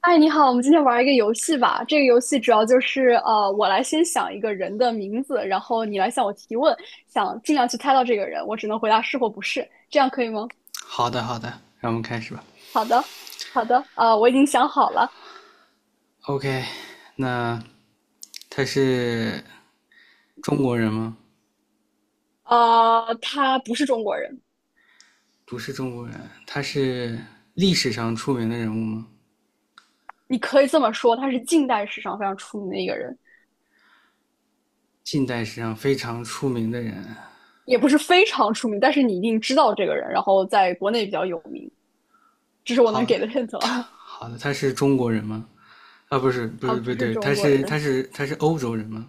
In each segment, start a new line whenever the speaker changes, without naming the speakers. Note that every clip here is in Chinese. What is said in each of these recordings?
哎，你好，我们今天玩一个游戏吧。这个游戏主要就是我来先想一个人的名字，然后你来向我提问，想尽量去猜到这个人，我只能回答是或不是，这样可以吗？
好的，好的，让我们开始吧。
好的，好的，我已经想好了。
OK，那他是中国人吗？
他不是中国人。
不是中国人，他是历史上出名的人物吗？
你可以这么说，他是近代史上非常出名的一个人，
近代史上非常出名的人。
也不是非常出名，但是你一定知道这个人，然后在国内比较有名。这是我能
好的，
给的 h i 啊。
他是中国人吗？啊，不是，不
他
是，不
不是
对，
中
他
国
是他
人，
是他是欧洲人吗？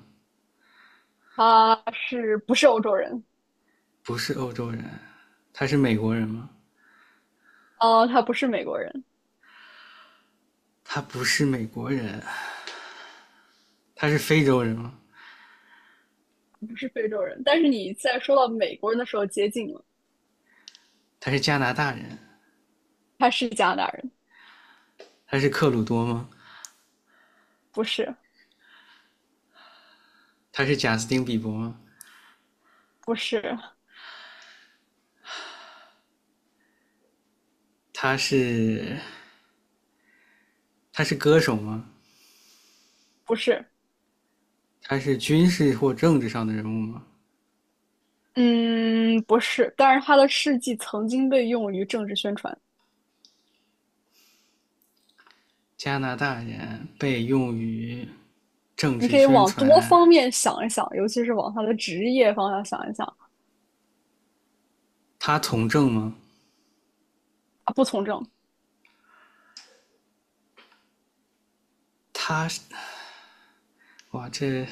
他是不是欧洲人？
不是欧洲人，他是美国人吗？
他不是美国人。
他不是美国人，他是非洲人吗？
不是非洲人，但是你在说到美国人的时候接近了，
他是加拿大人？
他是加拿大人。
他是克鲁多吗？
不是，
他是贾斯汀比伯吗？
不是，
他是他是歌手吗？
不是。
他是军事或政治上的人物吗？
嗯，不是。但是他的事迹曾经被用于政治宣传，
加拿大人被用于政
你
治
可以
宣
往多方
传，
面想一想，尤其是往他的职业方向想一想。
他从政吗？
他不从政。
他是哇，这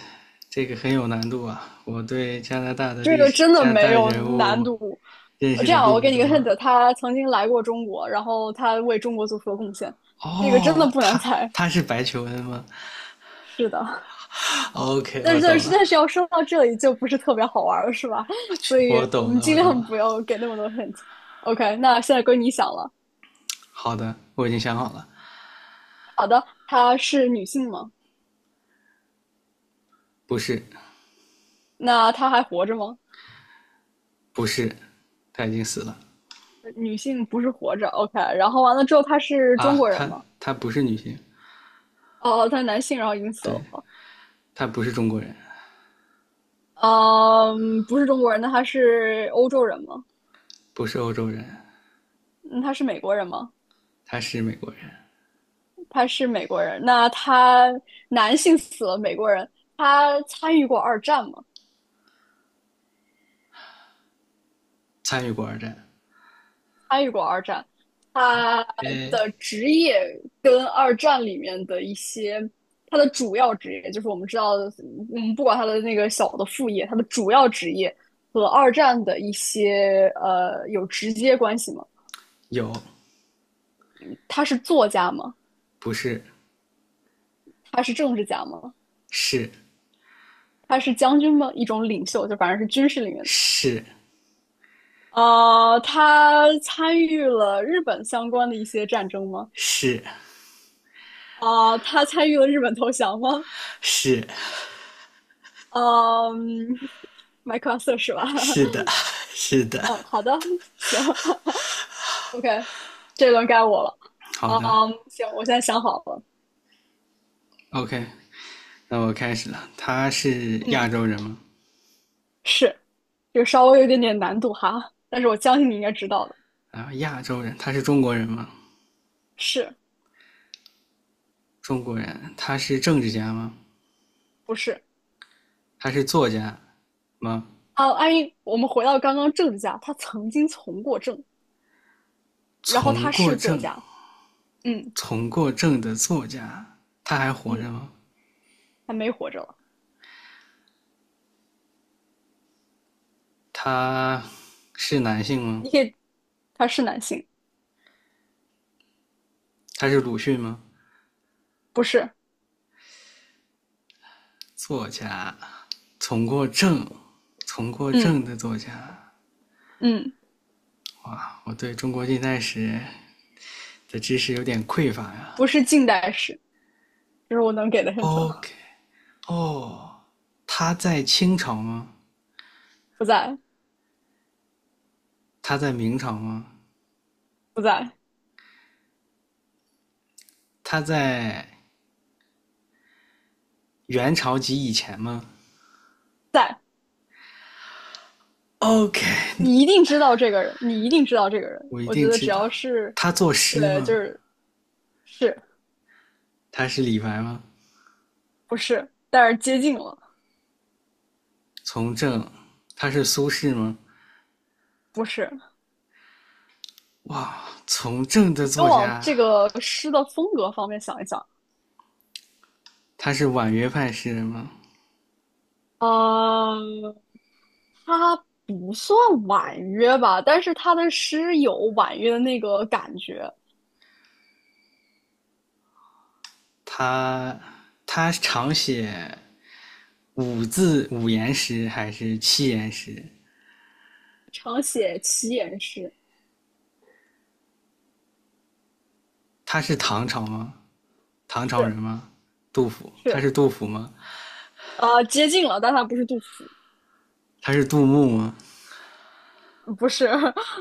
这个很有难度啊！我对加拿大的
这
历
个
史、
真的
加拿
没
大
有
人
难
物
度。
认
我
识
这
的
样，我
并不
给你个
多。
hint，他曾经来过中国，然后他为中国做出了贡献，这个真的
哦，
不难猜。
他是白求恩吗
是的，
？OK，
但是但是但是要说到这里就不是特别好玩了，是吧？所以
我
我
懂
们
了，
尽
我懂
量
了。
不要给那么多 hint。OK，那现在归你想了。
好的，我已经想好了，
好的，她是女性吗？
不是，
那她还活着吗？
不是，他已经死了。
女性不是活着。OK，然后完了之后她是中
啊，
国人吗？
她不是女性，
哦，她是男性，然后已经死
对，
了。
她不是中国人，
嗯，不是中国人，那她是欧洲人吗？
不是欧洲人，
嗯，她是美国人吗？
她是美国人，
她是美国人。那她男性死了，美国人，她参与过二战吗？
参与过二战，
参与过二战，他的职业跟二战里面的一些，他的主要职业就是我们知道的。嗯，不管他的那个小的副业，他的主要职业和二战的一些有直接关系吗？
有，
他是作家吗？
不是，
他是政治家吗？
是
他是将军吗？一种领袖，就反正是军事里面
是
啊。他参与了日本相关的一些战争吗？
是
啊、他参与了日本投降吗？
是，
嗯，麦克 c r f 是吧？
是的，是的，
嗯，好的。行。 ，OK,这轮该我了。
好
嗯，
的
行，我现在想好了。
，OK，那我开始了。她是亚
嗯，
洲人吗？
是。就稍微有一点点难度哈，但是我相信你应该知道的。
啊，亚洲人，她是中国人吗？
是
中国人，她是政治家吗？
不是？
她是作家吗？
啊，安逸，我们回到刚刚政治家，他曾经从过政，然后
从
他
过
是作
政，
家。嗯。
从过政的作家，她还活着
嗯，
吗？
他没活着了。
他是男性吗？
你可以，他是男性。
他是鲁迅吗？
不是？
作家，从过正，从过
嗯。
正的作家。
嗯，
哇，我对中国近代史的知识有点匮乏呀。
不是近代史，这是我能给的 hint。
OK，哦，他在清朝吗？
不在。
他在明朝吗？
不在。
他在元朝及以前吗
在。
？OK，
你一定知道这个人，你一定知道这个人。
我一
我觉
定
得
知
只
道。
要是，
他作诗
对，就
吗？
是是。
他是李白吗？
不是，但是接近了。
从政，他是苏轼吗？
不是。
从政的
你都
作
往
家
这个诗的风格方面想一想。
他是婉约派诗人吗？
嗯，他不算婉约吧，但是他的诗有婉约的那个感觉。
他他常写五言诗还是七言诗？
常写齐言诗。
他是唐朝吗？唐朝人
是。
吗？杜甫，他
是，
是杜甫吗？
呃，接近了，但他不是杜甫。
他是杜牧吗？
不是。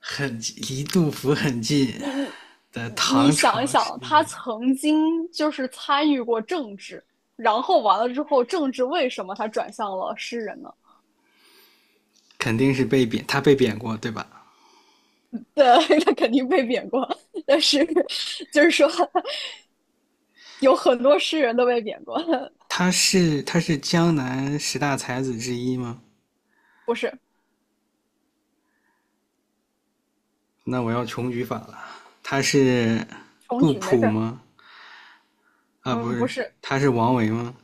很离杜甫很近
你你
的
你
唐
想一
朝诗
想，他
人，
曾经就是参与过政治，然后完了之后，政治为什么他转向了诗人呢？
肯定是被贬，他被贬过，对吧？
对，他肯定被贬过，但是就是说，有很多诗人都被贬过。
他是江南十大才子之一吗？
不是。
那我要穷举法了。他是
重
杜
举，没事
甫
儿。
吗？啊，不
嗯，不
是，
是。
他是王维吗？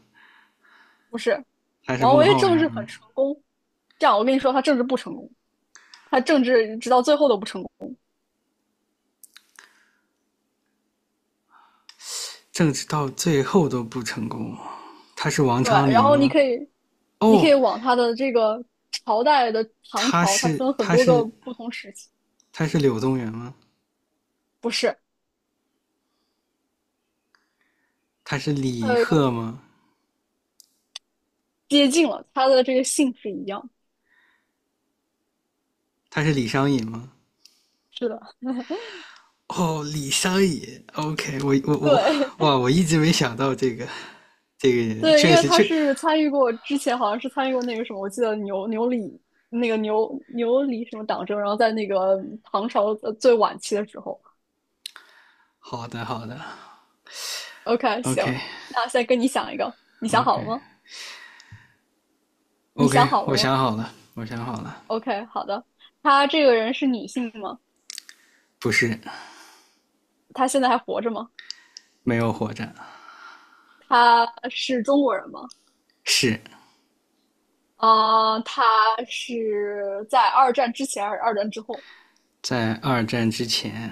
不是，
还是
王
孟
维
浩
政治
然
很
吗？
成功，这样我跟你说，他政治不成功，他政治直到最后都不成功。
政治到最后都不成功，他是王
对，
昌
然
龄
后你
吗？
可以，你可
哦，
以往它的这个朝代的唐
他
朝，它
是
分很
他
多个
是
不同时期。
他是柳宗元吗？
不是。
他是
它
李
有一个
贺吗？
接近了，它的这个姓是一样。
他是李商隐吗？
是的。
哦，李商隐，OK，我我我，
对
哇，我一直没想到这个 人，
对，因
确
为
实
他
确，
是参与过之前好像是参与过那个什么，我记得牛李那个牛李什么党争，然后在那个唐朝最晚期的时候。
好的好的
OK,行，
，OK
那现在跟你想一个，你想好了
OK
吗？你想
OK，
好了
我
吗
想好了，我想好了，
？OK,好的。他这个人是女性吗？
不是
他现在还活着吗？
没有活着，
他是中国人吗？
是
啊，他是在二战之前还是二战之后？
在二战之前，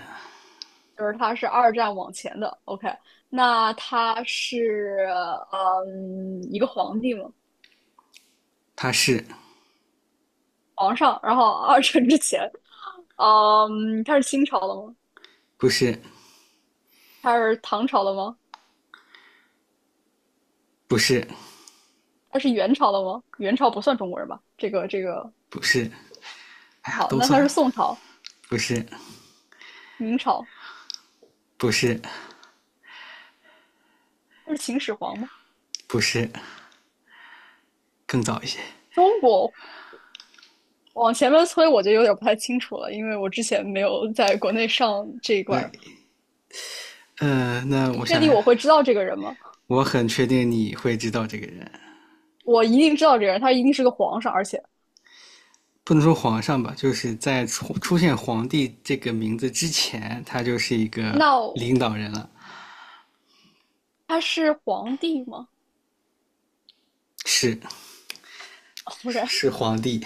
就是他是二战往前的。OK,那他是一个皇帝吗？
他是
皇上。然后二战之前，嗯，他是清朝的吗？
不是
他是唐朝的吗？
不是，
他是元朝的吗？元朝不算中国人吧？这个
不是，哎呀，
好，
都
那
算
他是
了，
宋朝、
不是，
明朝，
不是，
他是秦始皇吗？
不是，更早一些。
中国往前面推我就有点不太清楚了，因为我之前没有在国内上这一块。
那，那
你
我
确
想
定
想，
我会知道这个人吗？
我很确定你会知道这个人，
我一定知道这个人，他一定是个皇上，而且
不能说皇上吧，就是在出现"皇帝"这个名字之前，他就是一个领
那
导人了，
他是皇帝吗
是
？OK。
是皇帝，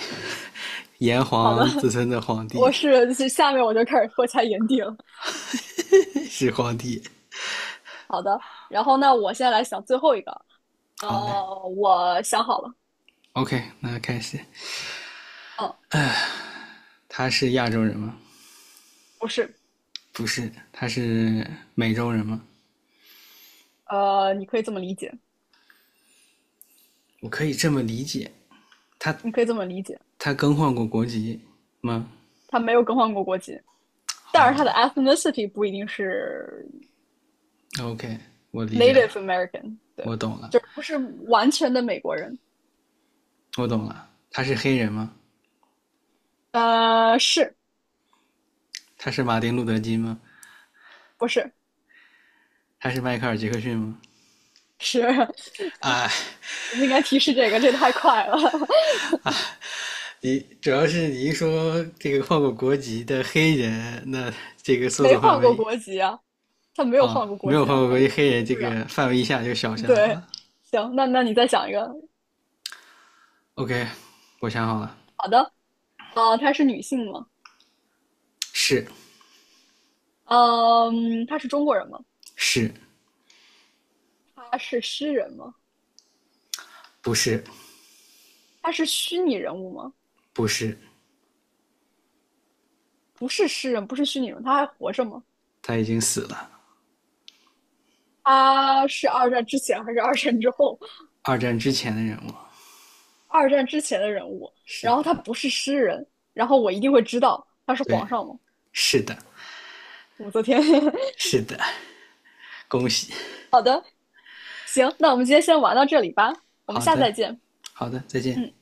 炎
好的，
黄子孙的皇帝，
我是下面我就开始脱下眼镜。
是皇帝。
好的，然后那我现在来想最后一个。
好嘞
我想好了。
，OK，那开始。
嗯，
他是亚洲人吗？
不是。
不是，他是美洲人吗？
你可以这么理解。
我可以这么理解，他
你可以这么理解，
他更换过国籍吗？
他没有更换过国籍，
好
但是
的
他的 ethnicity 不一定是
，OK，我理解
Native
了，
American,对，
我懂了，
就是不是完全的美国人。
我懂了。他是黑人吗？
是。
他是马丁路德金吗？
不是？
他是迈克尔杰克逊吗？
是，
啊，
我们应该提示这个，这太快了。
你主要是你一说这个换过国籍的黑人，那这个搜
没
索范
换过
围
国籍啊，他没
啊，
有
哦
换过国
没有
籍
换
啊，
过国籍黑人
是不
这
是啊？
个范围一下就小下来
对，
了。
行，那那你再想一个。
OK，我想好了，
好的。啊，她是女性吗？
是
嗯，她是中国人吗？
是，
她是诗人吗？
不是
她是虚拟人物吗？
不是，
不是诗人，不是虚拟人物，她还活着吗？
他已经死了。
她是二战之前还是二战之后？
二战之前的人物，
二战之前的人物，
是
然后
的，
他不是诗人，然后我一定会知道他是
对。
皇上吗？
是的，
武则天。
是的，恭喜！
好的，行，那我们今天先玩到这里吧，我们
好
下次
的，
再见。
好的，再见。
嗯。